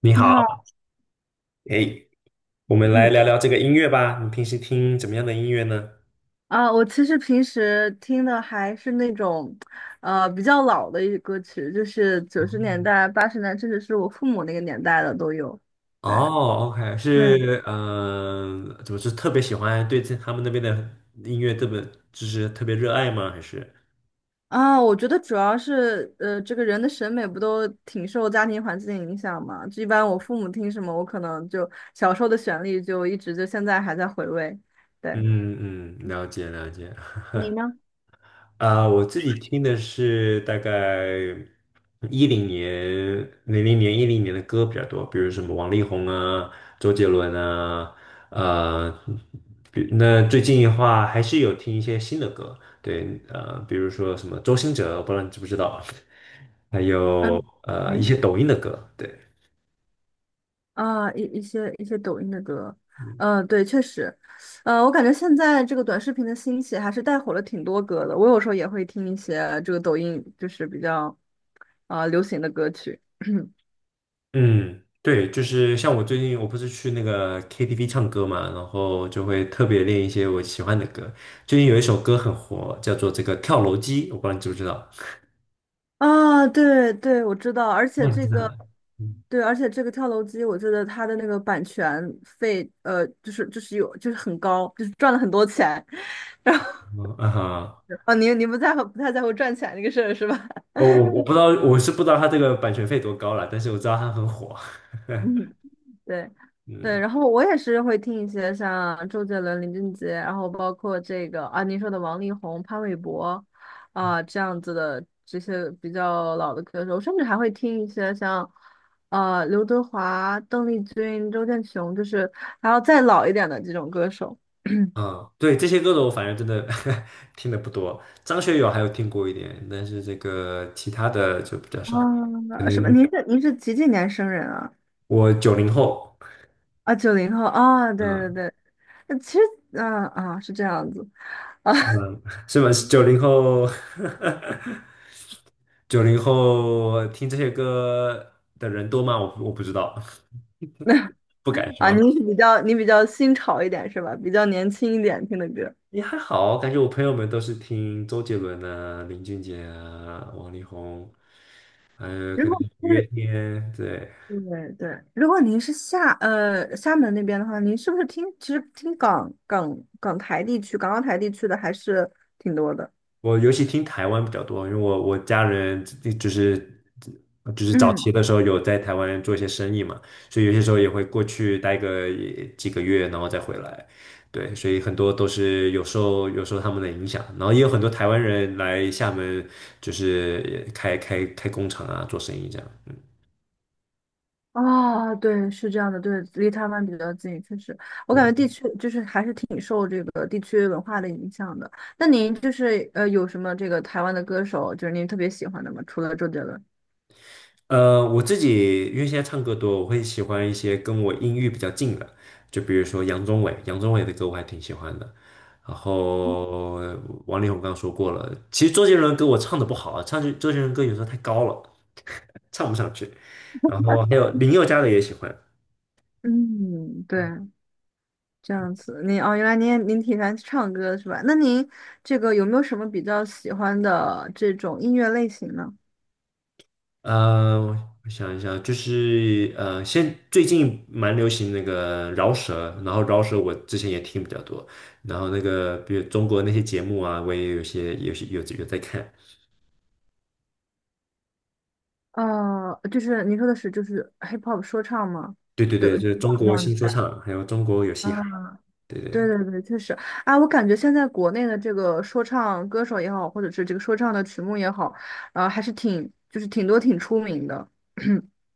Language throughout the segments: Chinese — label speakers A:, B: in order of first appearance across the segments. A: 你
B: 你
A: 好。
B: 好，
A: 哎，我们来
B: 嗯
A: 聊聊这个音乐吧。你平时听怎么样的音乐呢？
B: 我其实平时听的还是那种，比较老的一些歌曲，就是90年代、80年代，甚至是我父母那个年代的都有。对
A: 哦，OK，
B: 对，
A: 是，怎么是特别喜欢对这他们那边的音乐特别，就是特别热爱吗？还是，
B: 我觉得主要是，这个人的审美不都挺受家庭环境影响嘛？就一般我父母听什么，我可能就小时候的旋律就一直就现在还在回味。对，
A: 嗯嗯，了解了解。
B: 你呢？
A: 啊，我自己听的是大概一零年、零零年、一零年的歌比较多，比如什么王力宏啊、周杰伦啊，呃，比那最近的话还是有听一些新的歌。对，比如说什么周兴哲，我不知道你知不知道，还
B: 嗯
A: 有一
B: 嗯。
A: 些抖音的歌。对。
B: 一些抖音的歌，嗯、对，确实，我感觉现在这个短视频的兴起还是带火了挺多歌的。我有时候也会听一些这个抖音就是比较流行的歌曲
A: 嗯，对，就是像我最近我不是去那个 KTV 唱歌嘛，然后就会特别练一些我喜欢的歌。最近有一首歌很火，叫做这个《跳楼机》，我不知道你知不知道？
B: 对对，我知道，而且
A: 哦，你
B: 这
A: 知道？
B: 个
A: 嗯
B: 对，而且这个跳楼机，我记得它的那个版权费，就是有很高，就是赚了很多钱。然后
A: 嗯啊哈，
B: 你不太在乎赚钱这个事儿是吧？
A: 我不知道，我是不知道他这个版权费多高了，但是我知道他很火。
B: 嗯。对，对，
A: 嗯
B: 然后我也是会听一些像周杰伦、林俊杰，然后包括这个您说的王力宏、潘玮柏这样子的这些比较老的歌手，甚至还会听一些像刘德华、邓丽君、周建雄，就是还要再老一点的这种歌手。
A: 啊，对，这些歌手我反正真的 听的不多，张学友还有听过一点，但是这个其他的就比较少。可能
B: 什么？您是几几年生人啊？
A: 我九零后。
B: 90后啊，对对
A: 啊，
B: 对，那其实是这样子。啊。
A: 是吗？是吗？九零后，九零后听这些歌的人多吗？我不知道，不敢说。
B: 你比较新潮一点是吧？比较年轻一点听的歌。
A: 也还好，感觉我朋友们都是听周杰伦啊、林俊杰啊、王力宏，还有
B: 如
A: 可能
B: 果
A: 五月
B: 是，
A: 天，对。
B: 对对，如果您是厦门那边的话，您是不是听其实听港台地区、港澳台地区的还是挺多的？
A: 我尤其听台湾比较多，因为我家人就是早
B: 嗯，
A: 期的时候有在台湾做一些生意嘛，所以有些时候也会过去待个几个月，然后再回来。对，所以很多都是有受他们的影响，然后也有很多台湾人来厦门，就是开工厂啊，做生意这样。嗯，
B: 对，是这样的，对，离台湾比较近，确实，我感觉
A: 对。
B: 地区就是还是挺受这个地区文化的影响的。那您就是有什么这个台湾的歌手，就是您特别喜欢的吗？除了周杰伦？
A: 我自己因为现在唱歌多，我会喜欢一些跟我音域比较近的，就比如说杨宗纬，杨宗纬的歌我还挺喜欢的。然后王力宏刚刚说过了。其实周杰伦歌我唱的不好啊，唱周杰伦歌有时候太高了，唱不上去。然后还有林宥嘉的也喜欢。
B: 嗯，对，这样子，您原来您也挺喜欢唱歌是吧？那您这个有没有什么比较喜欢的这种音乐类型呢？
A: 呃，我想一想，就是最近蛮流行那个饶舌，然后饶舌我之前也听比较多，然后那个比如中国那些节目啊，我也有些有些有有在看。
B: 就是您说的是就是 hip hop 说唱吗？
A: 对对
B: 对，
A: 对，就是中
B: 这
A: 国
B: 样子
A: 新说
B: 的
A: 唱，还有中国有
B: 啊，
A: 嘻哈。对
B: 对
A: 对，
B: 对对，确实我感觉现在国内的这个说唱歌手也好，或者是这个说唱的曲目也好，还是挺就是挺多挺出名的。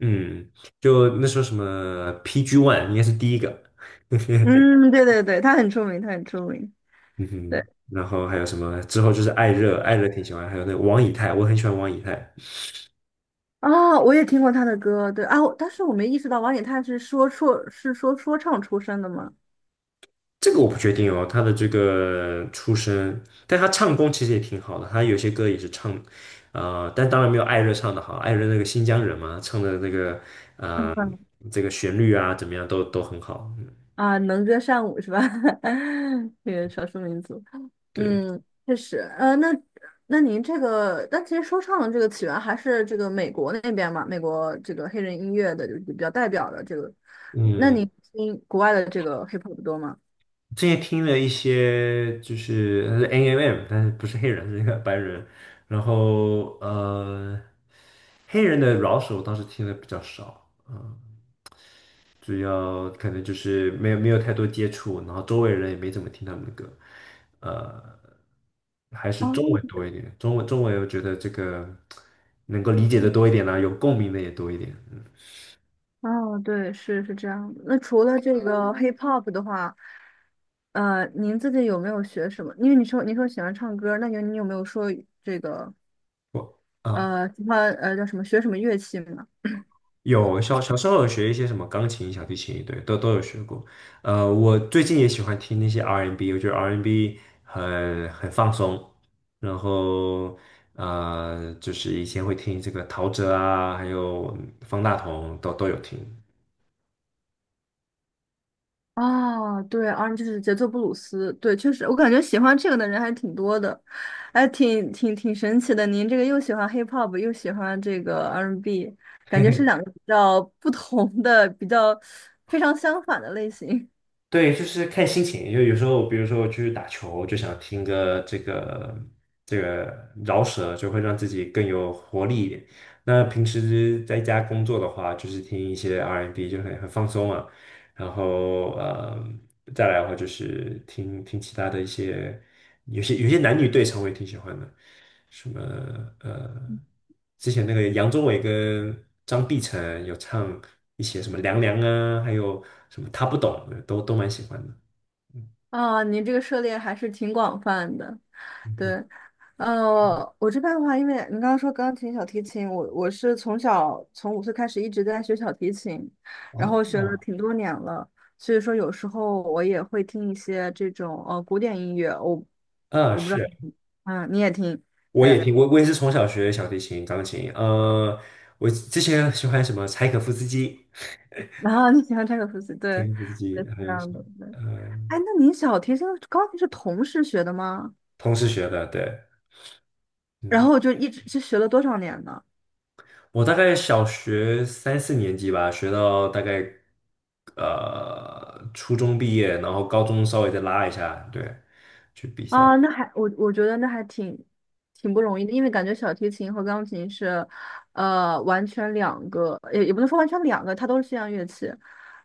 A: 嗯，就那时候什么 PG One 应该是第一个。
B: 嗯，对对对，他很出名，他很出名。
A: 嗯哼，
B: 对。
A: 然后还有什么之后就是艾热，艾热挺喜欢，还有那个王以太，我很喜欢王以太。
B: 我也听过他的歌，对啊，但是我没意识到王以太是说唱出身的嘛，
A: 这个我不确定哦，他的这个出身，但他唱功其实也挺好的，他有些歌也是唱，但当然没有艾热唱的好。艾热那个新疆人嘛，唱的那个 呃
B: 嗯
A: 这个旋律啊怎么样都很好。嗯
B: 能歌善舞是吧？这个少数民族，
A: 对，
B: 嗯，确实，那您这个，但其实说唱的这个起源还是这个美国那边嘛，美国这个黑人音乐的就是比较代表的这个，那
A: 嗯，
B: 你听国外的这个 hip hop 多吗？
A: 之前听了一些就是 NMM，但是不是黑人，是一个白人，然后黑人的饶舌我倒是听的比较少。嗯主要可能就是没有太多接触，然后周围人也没怎么听他们的歌。呃，还是
B: 哦
A: 中文多一点，中文我觉得这个能够理解的多一点啦、有共鸣的也多一点。嗯，
B: 哦，对，是这样的。那除了这个hip hop 的话，您自己有没有学什么？因为你说喜欢唱歌，那你有没有说这个
A: 我啊。
B: 喜欢叫什么学什么乐器吗？
A: 有小时候有学一些什么钢琴、小提琴，对，都有学过。我最近也喜欢听那些 R&B，我觉得 R&B 很放松。然后就是以前会听这个陶喆啊，还有方大同都有听。
B: 哦，对 r 就是节奏布鲁斯，对，确实，我感觉喜欢这个的人还挺多的，哎，挺神奇的。您这个又喜欢 hip hop，又喜欢这个 R&B，n 感觉是两个比较不同的、比较非常相反的类型。
A: 对，就是看心情。因为有时候，比如说我去打球，就想听个这个饶舌，就会让自己更有活力一点。那平时在家工作的话，就是听一些 R&B，and B，就很放松啊。然后再来的话就是听听其他的一些。有些男女对唱我也挺喜欢的，什么呃，之前那个杨宗纬跟张碧晨有唱一些什么《凉凉》啊，还有什么他不懂，都蛮喜欢的。嗯
B: 你这个涉猎还是挺广泛的。
A: 嗯嗯
B: 对，我这边的话，因为你刚刚说钢琴、小提琴，我是从小从5岁开始一直在学小提琴，然后
A: 哦，
B: 学了挺多年了，所以说有时候我也会听一些这种古典音乐，
A: 啊，
B: 我不知道
A: 是，
B: 你，嗯，你也听，
A: 我也
B: 对，
A: 听，我也是从小学小提琴、钢琴。我之前喜欢什么柴可夫斯基，
B: 然后你喜欢柴可夫斯基，
A: 柴
B: 对，
A: 可夫斯
B: 对，
A: 基
B: 是
A: 还
B: 这
A: 有
B: 样
A: 什么，
B: 的，对。哎，那你小提琴、钢琴是同时学的吗？
A: 同时学的，对，
B: 然
A: 嗯。
B: 后就一直是学了多少年呢？
A: 我大概小学三四年级吧，学到大概初中毕业，然后高中稍微再拉一下，对，去比赛，
B: 那还我觉得那还挺不容易的，因为感觉小提琴和钢琴是，完全两个，也不能说完全两个，它都是西洋乐器，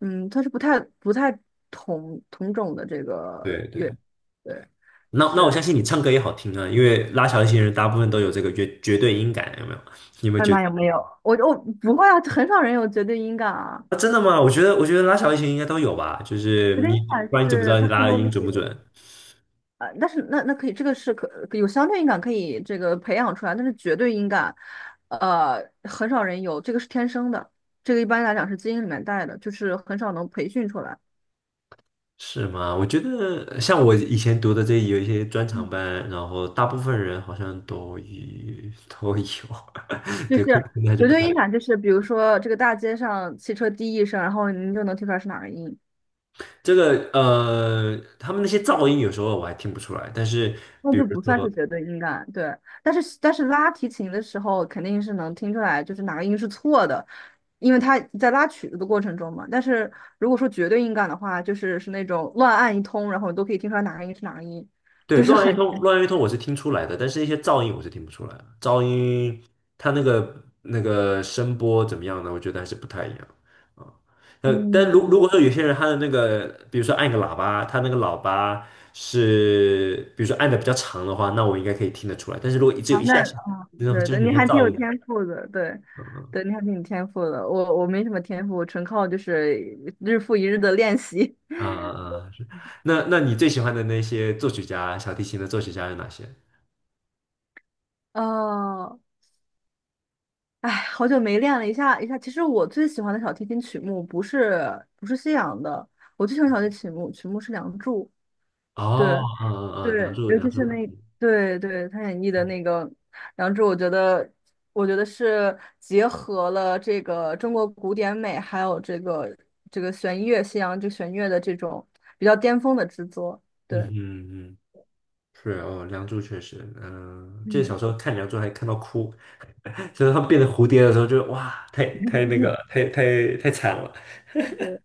B: 嗯，它是不太同种的这个
A: 对
B: 乐，
A: 对。
B: 对，
A: 那我
B: 是。
A: 相信你唱歌也好听啊，因为拉小提琴人大部分都有这个绝对音感，有没有？你有没有
B: 艾
A: 觉得？
B: 玛有没有？我不会啊，很少人有绝对音感啊，
A: 啊，真的吗？我觉得拉小提琴应该都有吧，就是
B: 绝对音
A: 你
B: 感
A: 不然你怎么知
B: 是
A: 道你
B: 它更
A: 拉的
B: 多的
A: 音准不
B: 是。
A: 准？
B: 但是那可以，这个是可有相对应感，可以这个培养出来，但是绝对音感，很少人有，这个是天生的，这个一般来讲是基因里面带的，就是很少能培训出来。
A: 是吗？我觉得像我以前读的这有一些专场
B: 嗯
A: 班，然后大部分人好像都有 都有，
B: 就
A: 对，
B: 是
A: 可能还是
B: 绝
A: 不
B: 对
A: 太。
B: 音感，就是比如说这个大街上汽车滴一声，然后您就能听出来是哪个音。
A: 这个他们那些噪音有时候我还听不出来，但是
B: 那
A: 比如
B: 就不算
A: 说
B: 是绝对音感，对。但是拉提琴的时候，肯定是能听出来，就是哪个音是错的，因为他在拉曲子的过程中嘛。但是如果说绝对音感的话，是那种乱按一通，然后你都可以听出来哪个音是哪个音，
A: 对，
B: 就是
A: 乱一
B: 很
A: 通，乱一通我是听出来的，但是一些噪音我是听不出来的。噪音它那个声波怎么样呢？我觉得还是不太一样啊。但如果
B: 嗯，
A: 说有些人他的那个，比如说按个喇叭，他那个喇叭是比如说按的比较长的话，那我应该可以听得出来。但是如果只有一下下，那种
B: 对
A: 就是
B: 对，
A: 很
B: 你
A: 像
B: 还挺
A: 噪
B: 有
A: 音。
B: 天赋的，对。
A: 嗯嗯
B: 对，你还挺有天赋的，我没什么天赋，纯靠就是日复一日的练习。
A: 啊啊，啊，是。那你最喜欢的那些作曲家，小提琴的作曲家有哪些？
B: 哦，哎，好久没练了一下一下。其实我最喜欢的小提琴曲目不是西洋的，我最喜欢小提琴曲目是《梁祝》。
A: 哦，
B: 对
A: 嗯
B: 对，
A: 嗯嗯，梁祝，
B: 尤
A: 梁
B: 其
A: 祝
B: 是
A: 好
B: 那
A: 听。
B: 对对他演绎的那个《梁祝》，我觉得是结合了这个中国古典美，还有这个弦乐西洋就弦乐的这种比较巅峰的制作。
A: 嗯
B: 对，
A: 嗯嗯。是哦，梁祝确实。嗯、记得小
B: 嗯，
A: 时候看梁祝还看到哭，就是他们变成蝴蝶的时候就，哇，太那个了，太惨了。
B: 对。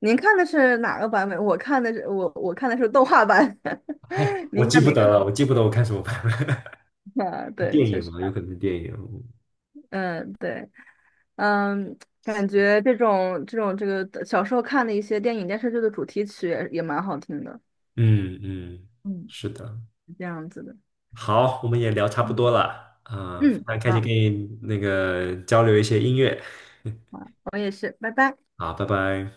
B: 您看的是哪个版本？我看的是动画版，
A: 我
B: 您应
A: 记
B: 该
A: 不
B: 没
A: 得
B: 看。
A: 了，我记不得我看什么版本。
B: 对，
A: 电
B: 确
A: 影
B: 实，
A: 嘛，有可能是电影。
B: 嗯，对，嗯，感觉这种这个小时候看的一些电影电视剧的主题曲也蛮好听的，
A: 嗯嗯，
B: 嗯，
A: 是的。
B: 是这样子的，
A: 好，我们也聊差不多
B: 嗯，
A: 了，啊、非
B: 嗯
A: 常开心
B: 好，
A: 跟你那个交流一些音乐。
B: 好，我也是，拜拜。
A: 好，拜拜。